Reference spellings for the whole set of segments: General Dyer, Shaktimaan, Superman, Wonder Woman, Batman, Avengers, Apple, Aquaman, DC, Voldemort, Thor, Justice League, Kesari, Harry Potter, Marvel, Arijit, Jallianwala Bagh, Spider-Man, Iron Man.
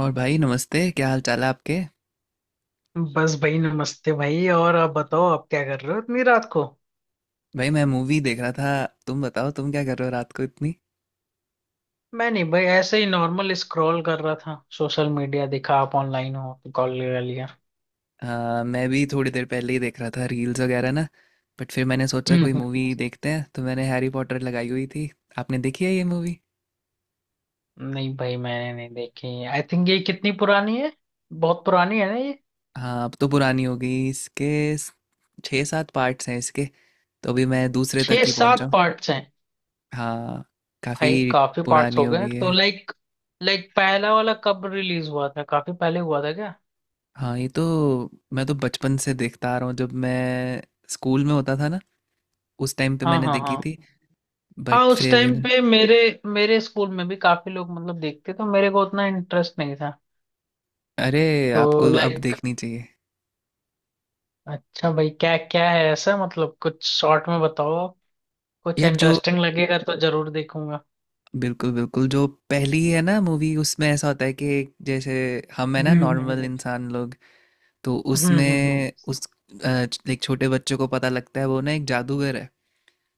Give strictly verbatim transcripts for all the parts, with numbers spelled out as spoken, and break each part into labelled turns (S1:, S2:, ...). S1: और भाई, नमस्ते। क्या हाल चाल है आपके?
S2: बस भाई, नमस्ते भाई। और आप बताओ, आप क्या कर रहे हो इतनी रात को?
S1: भाई, मैं मूवी देख रहा था। तुम बताओ, तुम क्या कर रहे हो रात को इतनी?
S2: मैं नहीं भाई, ऐसे ही नॉर्मल स्क्रॉल कर रहा था सोशल मीडिया, देखा आप ऑनलाइन हो तो कॉल लगा लिया।
S1: आ, मैं भी थोड़ी देर पहले ही देख रहा था रील्स वगैरह ना। बट फिर मैंने सोचा कोई
S2: हम्म।
S1: मूवी देखते हैं, तो मैंने हैरी पॉटर लगाई हुई थी। आपने देखी है ये मूवी?
S2: नहीं भाई, मैंने नहीं देखी। आई थिंक ये कितनी पुरानी है, बहुत पुरानी है ना ये?
S1: हाँ, अब तो पुरानी हो गई। इसके स- छः सात पार्ट्स हैं। इसके तो अभी मैं दूसरे तक
S2: छह
S1: ही पहुंचा
S2: सात
S1: हूँ।
S2: पार्ट्स हैं?
S1: हाँ,
S2: भाई
S1: काफ़ी
S2: काफी पार्ट्स
S1: पुरानी
S2: हो
S1: हो
S2: गए
S1: गई
S2: तो
S1: है।
S2: लाइक। लाइक पहला वाला कब रिलीज हुआ था, काफी पहले हुआ था क्या?
S1: हाँ, ये तो मैं तो बचपन से देखता आ रहा हूँ। जब मैं स्कूल में होता था ना, उस टाइम पे
S2: हाँ
S1: मैंने
S2: हाँ
S1: देखी
S2: हाँ।
S1: थी।
S2: हाँ
S1: बट
S2: उस
S1: फिर।
S2: टाइम पे मेरे मेरे स्कूल में भी काफी लोग मतलब देखते, तो मेरे को उतना इंटरेस्ट नहीं था।
S1: अरे,
S2: तो
S1: आपको अब
S2: लाइक,
S1: देखनी चाहिए।
S2: अच्छा भाई, क्या क्या है ऐसा मतलब, कुछ शॉर्ट में बताओ। कुछ
S1: यार, जो
S2: इंटरेस्टिंग लगेगा तो जरूर देखूंगा।
S1: बिल्कुल बिल्कुल जो पहली है ना मूवी, उसमें ऐसा होता है कि, जैसे हम है
S2: हम्म
S1: ना,
S2: हम्म
S1: नॉर्मल
S2: हम्म
S1: इंसान लोग। तो
S2: हम्म हम्म हम्म।
S1: उसमें उस अ, एक छोटे बच्चे को पता लगता है वो ना एक जादूगर है।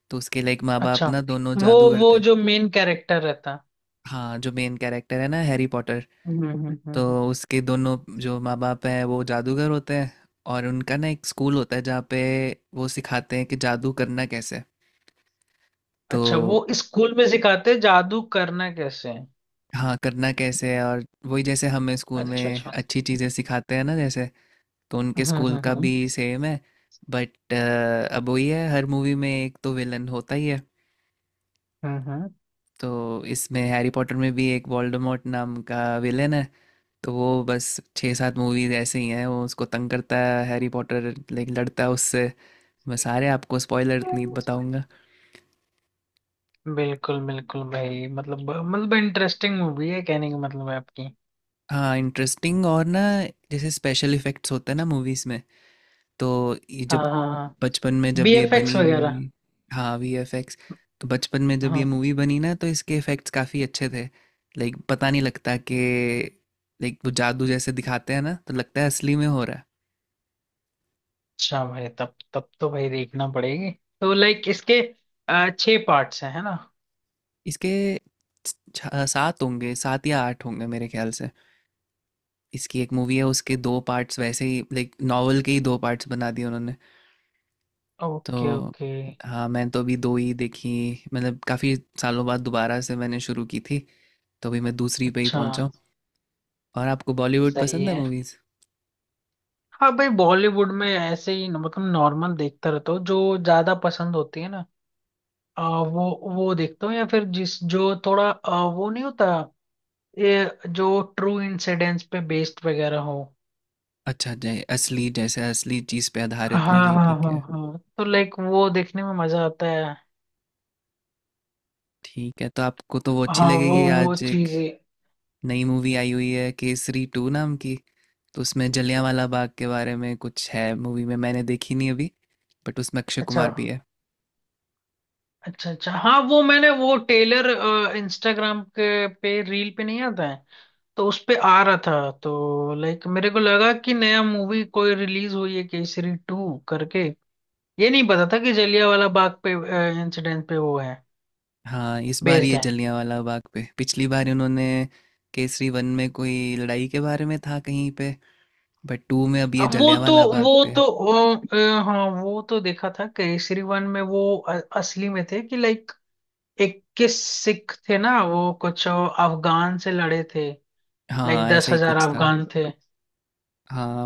S1: तो उसके लाइक माँ बाप
S2: अच्छा,
S1: ना दोनों
S2: वो
S1: जादूगर
S2: वो
S1: थे।
S2: जो मेन कैरेक्टर रहता है।
S1: हाँ, जो मेन कैरेक्टर है ना, हैरी पॉटर।
S2: हम्म हम्म, हम्म,
S1: तो
S2: हम्म।
S1: उसके दोनों जो माँ बाप हैं वो जादूगर होते हैं। और उनका ना एक स्कूल होता है जहाँ पे वो सिखाते हैं कि जादू करना कैसे। तो
S2: अच्छा, वो स्कूल में सिखाते हैं जादू करना कैसे है।
S1: हाँ, करना कैसे है। और वही जैसे हमें स्कूल
S2: अच्छा अच्छा।
S1: में अच्छी चीज़ें सिखाते हैं ना, जैसे तो उनके
S2: हम्म
S1: स्कूल
S2: हम्म
S1: का
S2: हम्म
S1: भी सेम है। बट अब वही है, हर मूवी में एक तो विलन होता ही है।
S2: हम्म हम्म।
S1: तो इसमें हैरी पॉटर में भी एक वोल्डेमॉर्ट नाम का विलन है। तो वो बस छः सात मूवीज ऐसे ही हैं, वो उसको तंग करता है, हैरी पॉटर लाइक लड़ता है उससे। मैं सारे आपको स्पॉइलर नहीं बताऊंगा।
S2: बिल्कुल बिल्कुल भाई, मतलब मतलब इंटरेस्टिंग मूवी है, कहने का मतलब है आपकी।
S1: हाँ, इंटरेस्टिंग और ना, जैसे स्पेशल इफेक्ट्स होते हैं ना मूवीज में, तो ये
S2: हाँ
S1: जब
S2: हाँ हाँ।
S1: बचपन में जब ये
S2: बीएफएक्स
S1: बनी
S2: वगैरह।
S1: मूवी। हाँ, वीएफएक्स। तो बचपन में जब ये
S2: हाँ।
S1: मूवी बनी ना, तो इसके इफेक्ट्स काफ़ी अच्छे थे। लाइक पता नहीं लगता कि, लाइक वो जादू जैसे दिखाते हैं ना, तो लगता है असली में हो रहा है।
S2: अच्छा भाई, तब तब तो भाई देखना पड़ेगी। तो लाइक इसके अ, छह पार्ट्स हैं है ना?
S1: इसके छ- छ- सात होंगे, सात या आठ होंगे मेरे ख्याल से। इसकी एक मूवी है उसके दो पार्ट्स, वैसे ही लाइक नॉवल के ही दो पार्ट्स बना दिए उन्होंने।
S2: ओके
S1: तो
S2: ओके।
S1: हाँ, मैं तो अभी दो ही देखी। मतलब काफ़ी सालों बाद दोबारा से मैंने शुरू की थी, तो अभी मैं दूसरी पे ही
S2: अच्छा।
S1: पहुंचा हूँ। और आपको बॉलीवुड
S2: सही
S1: पसंद है
S2: है।
S1: मूवीज?
S2: हाँ भाई, बॉलीवुड में ऐसे ही न- मतलब नॉर्मल देखता रहता हूँ, जो ज्यादा पसंद होती है ना। अ, वो वो देखता हूँ, या फिर जिस जो थोड़ा अ, वो नहीं होता। ये जो ट्रू इंसिडेंट्स पे बेस्ड वगैरह हो।
S1: अच्छा, जय असली जैसे असली चीज पे
S2: हाँ।
S1: आधारित
S2: हाँ
S1: मूवी,
S2: हाँ
S1: ठीक है।
S2: हाँ, तो लाइक वो देखने में मजा आता है।
S1: ठीक है, तो आपको तो वो अच्छी
S2: हाँ, वो
S1: लगेगी।
S2: वो
S1: आज एक
S2: चीजें।
S1: नई मूवी आई हुई है, केसरी टू नाम की। तो उसमें जलियांवाला बाग के बारे में कुछ है मूवी में, मैंने देखी नहीं अभी। बट उसमें अक्षय
S2: अच्छा
S1: कुमार भी है।
S2: अच्छा। अच्छा हाँ, वो मैंने वो टेलर इंस्टाग्राम के पे रील पे नहीं आता है, तो उस पे आ रहा था तो लाइक मेरे को लगा कि नया मूवी कोई रिलीज हुई है केसरी टू करके। ये नहीं पता था कि जलियांवाला बाग पे इंसिडेंट पे वो है
S1: हाँ, इस बार
S2: बेस्ड
S1: ये
S2: है।
S1: जलियांवाला बाग पे। पिछली बार उन्होंने केसरी वन में कोई लड़ाई के बारे में था कहीं पे। बट टू में अब ये
S2: अब वो तो
S1: जलियांवाला बाग
S2: वो
S1: पे
S2: तो
S1: है।
S2: अ, अ, हाँ वो तो देखा था केसरी वन में। वो अ- असली में थे कि लाइक इक्कीस सिख थे ना, वो कुछ अफगान से लड़े थे। लाइक
S1: हाँ,
S2: दस
S1: ऐसा ही
S2: हजार
S1: कुछ था।
S2: अफगान थे।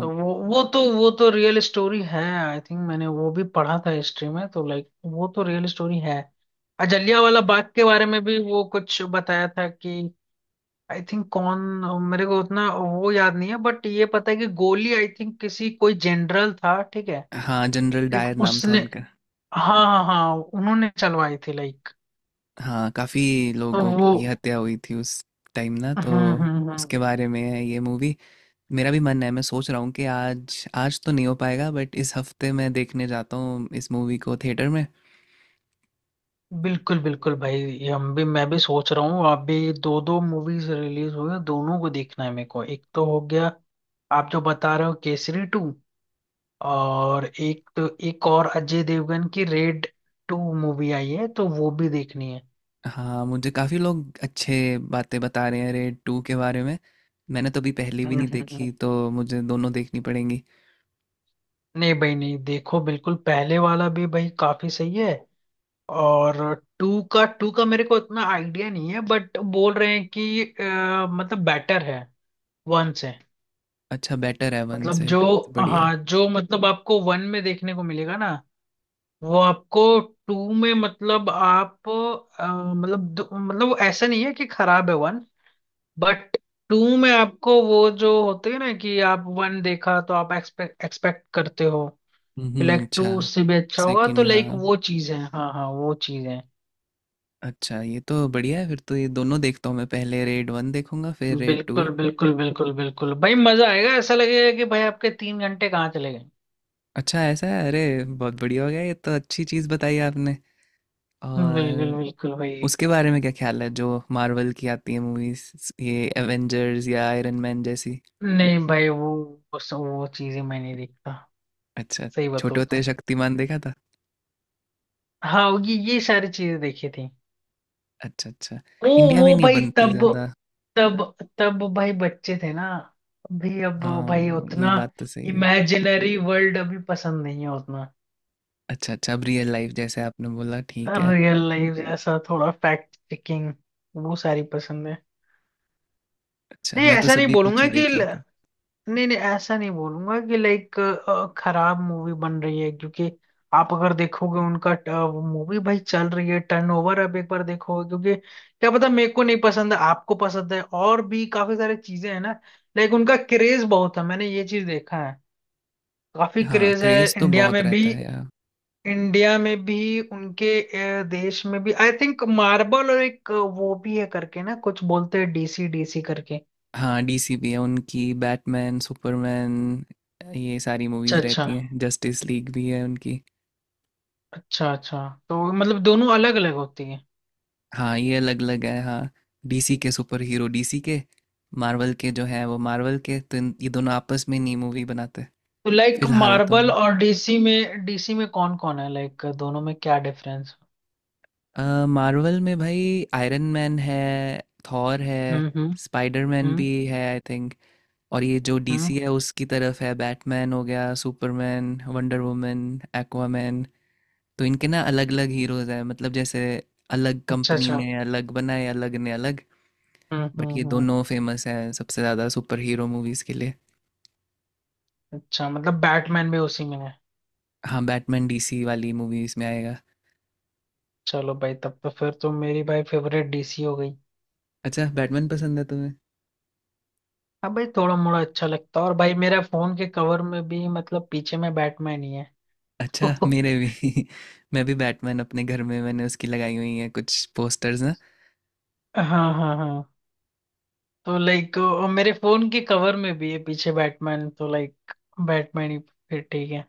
S2: तो वो, वो तो वो तो रियल स्टोरी है, आई थिंक मैंने वो भी पढ़ा था हिस्ट्री में, तो लाइक वो तो रियल स्टोरी है। अजलिया वाला बाग के बारे में भी वो कुछ बताया था कि आई थिंक कौन, मेरे को उतना वो याद नहीं है, बट ये पता है कि गोली आई थिंक किसी कोई जनरल था, ठीक है,
S1: हाँ, जनरल
S2: एक
S1: डायर नाम था
S2: उसने।
S1: उनका।
S2: हाँ हाँ हाँ, उन्होंने चलवाई थी लाइक।
S1: हाँ, काफ़ी
S2: तो
S1: लोगों
S2: वो।
S1: की हत्या हुई थी उस टाइम ना,
S2: हम्म
S1: तो
S2: हम्म हम्म
S1: उसके
S2: हम्म।
S1: बारे में है ये मूवी। मेरा भी मन है, मैं सोच रहा हूँ कि आज आज तो नहीं हो पाएगा, बट इस हफ्ते मैं देखने जाता हूँ इस मूवी को थिएटर में।
S2: बिल्कुल बिल्कुल भाई, ये हम भी मैं भी सोच रहा हूँ, अभी दो दो मूवीज रिलीज हुई हैं, दोनों को देखना है मेरे को, एक तो हो गया आप जो बता रहे हो केसरी टू। और एक तो एक और अजय देवगन की रेड टू मूवी आई है, तो वो भी देखनी है।
S1: हाँ, मुझे काफ़ी लोग अच्छे बातें बता रहे हैं रेड टू के बारे में। मैंने तो अभी पहली भी
S2: हम्म,
S1: नहीं
S2: हम्म, हम्म।
S1: देखी, तो मुझे दोनों देखनी पड़ेंगी।
S2: नहीं भाई नहीं, देखो बिल्कुल पहले वाला भी भाई काफी सही है। और टू का टू का मेरे को इतना आइडिया नहीं है, बट बोल रहे हैं कि अ, मतलब बेटर है वन से।
S1: अच्छा, बेटर है वन
S2: मतलब
S1: से।
S2: जो,
S1: बढ़िया है।
S2: हाँ जो मतलब आपको वन में देखने को मिलेगा ना वो आपको टू में, मतलब आप अ, मतलब दो- मतलब वो ऐसा नहीं है कि खराब है वन, बट टू में आपको वो जो होते हैं ना कि आप वन देखा तो आप एक्सपेक्ट एक्सपेक्ट करते हो
S1: हम्म
S2: कि
S1: हम्म,
S2: लाइक टू
S1: अच्छा।
S2: उससे भी अच्छा होगा, तो
S1: सेकंड,
S2: लाइक
S1: हाँ।
S2: वो चीज है, हाँ हाँ वो चीज है।
S1: अच्छा, ये तो बढ़िया है, फिर तो ये दोनों देखता हूँ मैं, पहले रेड वन देखूंगा फिर रेड टू।
S2: बिल्कुल बिल्कुल बिल्कुल बिल्कुल भाई मजा आएगा, ऐसा लगेगा कि भाई आपके तीन घंटे कहाँ चले गए।
S1: अच्छा ऐसा है? अरे, बहुत बढ़िया हो गया ये तो। अच्छी चीज़ बताई आपने।
S2: बिल्कुल
S1: और
S2: बिल्कुल भाई।
S1: उसके बारे में क्या ख्याल है जो मार्वल की आती है मूवीज, ये एवेंजर्स या आयरन मैन जैसी?
S2: नहीं भाई, वो वो, वो चीजें मैं नहीं देखता,
S1: अच्छा।
S2: सही
S1: छोटे
S2: बताओ तो।
S1: होते शक्तिमान देखा था।
S2: हाँ, ये ये सारी चीजें देखी थी।
S1: अच्छा अच्छा,
S2: ओ,
S1: इंडिया
S2: वो
S1: में नहीं
S2: भाई
S1: बनती
S2: तब
S1: ज़्यादा।
S2: तब तब भाई बच्चे थे ना, अभी अब भाई
S1: हाँ, ये
S2: उतना
S1: बात तो सही है।
S2: इमेजिनरी वर्ल्ड अभी पसंद नहीं है उतना।
S1: अच्छा अच्छा, अब रियल लाइफ, जैसे आपने बोला, ठीक है।
S2: रियल लाइफ जैसा थोड़ा फैक्ट चेकिंग, वो सारी पसंद है।
S1: अच्छा,
S2: नहीं
S1: मैं तो
S2: ऐसा नहीं
S1: सभी कुछ
S2: बोलूंगा
S1: ही
S2: कि,
S1: देख लेता हूँ।
S2: नहीं नहीं ऐसा नहीं बोलूंगा कि लाइक खराब मूवी बन रही है, क्योंकि आप अगर देखोगे उनका मूवी भाई चल रही है, टर्नओवर, अब एक बार देखोगे क्योंकि क्या पता, मेरे को नहीं पसंद है, आपको पसंद है, और भी काफी सारी चीजें हैं ना लाइक, उनका क्रेज बहुत है, मैंने ये चीज देखा है। काफी
S1: हाँ,
S2: क्रेज है
S1: क्रेज तो
S2: इंडिया
S1: बहुत
S2: में भी।
S1: रहता है।
S2: इंडिया में भी उनके अ, देश में भी आई थिंक मार्बल, और एक अ, वो भी है करके ना, कुछ बोलते हैं डीसी डीसी करके।
S1: हाँ, डीसी भी है उनकी, बैटमैन, सुपरमैन। अ, ये सारी
S2: अच्छा
S1: मूवीज़
S2: अच्छा।
S1: रहती हैं, जस्टिस लीग भी है उनकी।
S2: अच्छा अच्छा, तो मतलब दोनों अलग अलग होती है।
S1: हाँ, ये अलग-अलग है हाँ। डीसी के सुपरहीरो डीसी के, मार्वल के जो हैं वो मार्वल के, तो इन ये दोनों आपस में नहीं मूवी बनाते।
S2: तो लाइक
S1: फ़िलहाल तो
S2: मार्बल
S1: नहीं।
S2: और डीसी में डीसी में कौन कौन है लाइक, दोनों में क्या डिफरेंस?
S1: अ, मार्वल में भाई आयरन मैन है, थॉर है,
S2: हम्म हम्म
S1: स्पाइडरमैन
S2: हम्म।
S1: भी है आई थिंक। और ये जो
S2: हम्म।
S1: डीसी है उसकी तरफ है बैटमैन हो गया, सुपरमैन, वंडर वुमन, एक्वामैन। तो इनके ना अलग अलग हीरोज हैं, मतलब जैसे अलग
S2: अच्छा
S1: कंपनी
S2: अच्छा।
S1: ने अलग बनाए, अलग ने अलग।
S2: हम्म
S1: बट
S2: हम्म
S1: ये
S2: हम्म।
S1: दोनों फेमस हैं सबसे ज़्यादा सुपर हीरो मूवीज़ के लिए।
S2: अच्छा मतलब बैटमैन भी उसी में है।
S1: हाँ, बैटमैन डीसी वाली मूवीज़ में आएगा।
S2: चलो भाई, तब तो फिर तो मेरी भाई फेवरेट डीसी हो गई।
S1: अच्छा, बैटमैन पसंद है तुम्हें?
S2: हाँ भाई थोड़ा मोड़ा अच्छा लगता है, और भाई मेरा फोन के कवर में भी मतलब पीछे में बैटमैन ही है।
S1: अच्छा,
S2: तो,
S1: मेरे भी मैं भी बैटमैन, अपने घर में मैंने उसकी लगाई हुई है कुछ पोस्टर्स ना।
S2: हाँ हाँ हाँ, तो लाइक मेरे फोन के कवर में भी है पीछे बैटमैन, तो लाइक बैटमैन ही फिर ठीक है।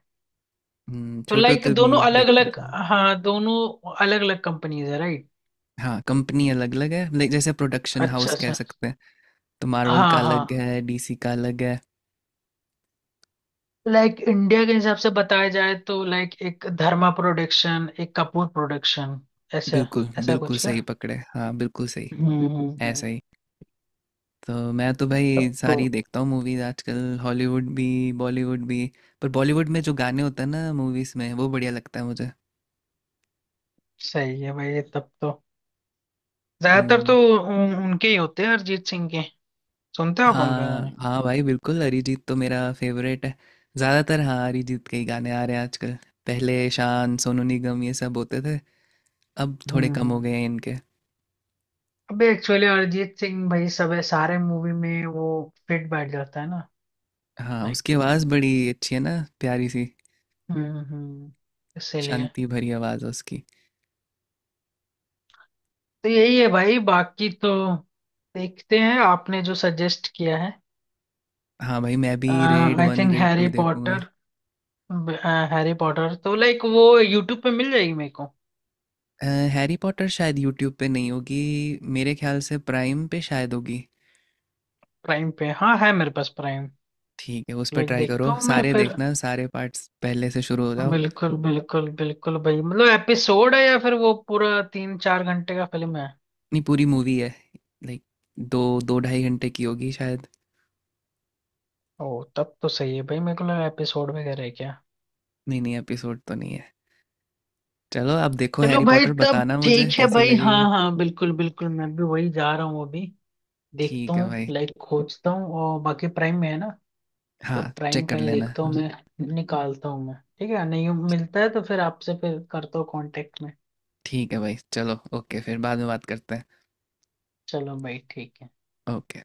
S1: हम्म,
S2: तो
S1: छोटे
S2: लाइक
S1: होते भी
S2: दोनों अलग
S1: देखता
S2: अलग,
S1: था।
S2: हाँ दोनों अलग अलग कंपनीज है, राइट।
S1: हाँ, कंपनी अलग अलग है, लाइक जैसे प्रोडक्शन
S2: अच्छा
S1: हाउस कह
S2: अच्छा।
S1: सकते हैं। तो मार्वल का
S2: हाँ
S1: अलग
S2: हाँ,
S1: है, डीसी का अलग है।
S2: लाइक इंडिया के हिसाब से बताया जाए तो लाइक एक धर्मा प्रोडक्शन, एक कपूर प्रोडक्शन, ऐसा,
S1: बिल्कुल
S2: ऐसा
S1: बिल्कुल
S2: कुछ
S1: सही
S2: क्या।
S1: पकड़े, हाँ बिल्कुल सही।
S2: हम्म हम्म,
S1: ऐसा
S2: हम्म।
S1: ही। तो मैं तो भाई
S2: तब
S1: सारी
S2: तो
S1: देखता हूँ मूवीज आजकल, हॉलीवुड भी, बॉलीवुड भी। पर बॉलीवुड में जो गाने होते हैं ना मूवीज में, वो बढ़िया लगता है मुझे।
S2: सही है भाई, तब तो ज्यादातर तो
S1: हम्म।
S2: उन, उनके ही होते हैं, अरिजीत सिंह के। सुनते हो आप उनके गाने?
S1: हाँ हाँ भाई, बिल्कुल अरिजीत तो मेरा फेवरेट है। ज़्यादातर हाँ, अरिजीत के ही गाने आ रहे हैं आजकल। पहले शान, सोनू निगम ये सब होते थे, अब थोड़े
S2: हम्म
S1: कम हो गए
S2: हम्म।
S1: हैं इनके।
S2: अबे एक्चुअली अरिजीत सिंह भाई सब सारे मूवी में वो फिट बैठ जाता है ना।
S1: हाँ, उसकी
S2: लाइक,
S1: आवाज़ बड़ी अच्छी है ना, प्यारी सी।
S2: हम्म हम्म, इसीलिए
S1: शांति भरी आवाज़ है उसकी।
S2: तो यही है भाई, बाकी तो देखते हैं आपने जो सजेस्ट किया है।
S1: हाँ भाई, मैं भी Raid
S2: I
S1: one
S2: think
S1: Raid two
S2: Harry
S1: देखूंगा।
S2: पॉटर। हैरी पॉटर तो लाइक वो यूट्यूब पे मिल जाएगी मेरे को?
S1: अ, हैरी पॉटर शायद यूट्यूब पे नहीं होगी। मेरे ख्याल से प्राइम पे शायद होगी।
S2: प्राइम पे, हाँ है मेरे पास प्राइम।
S1: ठीक है, उस पर
S2: लाइक
S1: ट्राई
S2: देखता
S1: करो।
S2: हूँ मैं
S1: सारे
S2: फिर।
S1: देखना, सारे पार्ट्स पहले से शुरू हो जाओ।
S2: बिल्कुल बिल्कुल बिल्कुल भाई, मतलब एपिसोड है या फिर वो पूरा तीन चार घंटे का फिल्म है?
S1: नहीं, पूरी मूवी है, लाइक दो दो ढाई घंटे की होगी शायद।
S2: ओ तब तो सही है भाई, मेरे को लगा एपिसोड वगैरह है क्या।
S1: नहीं नहीं, एपिसोड तो नहीं है। चलो अब, देखो
S2: चलो
S1: हैरी
S2: भाई
S1: पॉटर,
S2: तब
S1: बताना मुझे
S2: ठीक है
S1: कैसी
S2: भाई, हाँ
S1: लगेगी।
S2: हाँ बिल्कुल बिल्कुल, मैं भी वही जा रहा हूँ अभी, देखता
S1: ठीक है
S2: हूँ
S1: भाई।
S2: लाइक खोजता हूँ, और बाकी प्राइम में है ना,
S1: हाँ,
S2: तो प्राइम
S1: चेक
S2: का
S1: कर
S2: ही
S1: लेना,
S2: देखता हूँ,
S1: हाँ।
S2: मैं निकालता हूँ मैं, ठीक है, नहीं मिलता है तो फिर आपसे फिर करता हूँ कांटेक्ट में।
S1: ठीक है भाई, चलो। ओके, फिर बाद में बात करते हैं।
S2: चलो भाई ठीक है।
S1: ओके।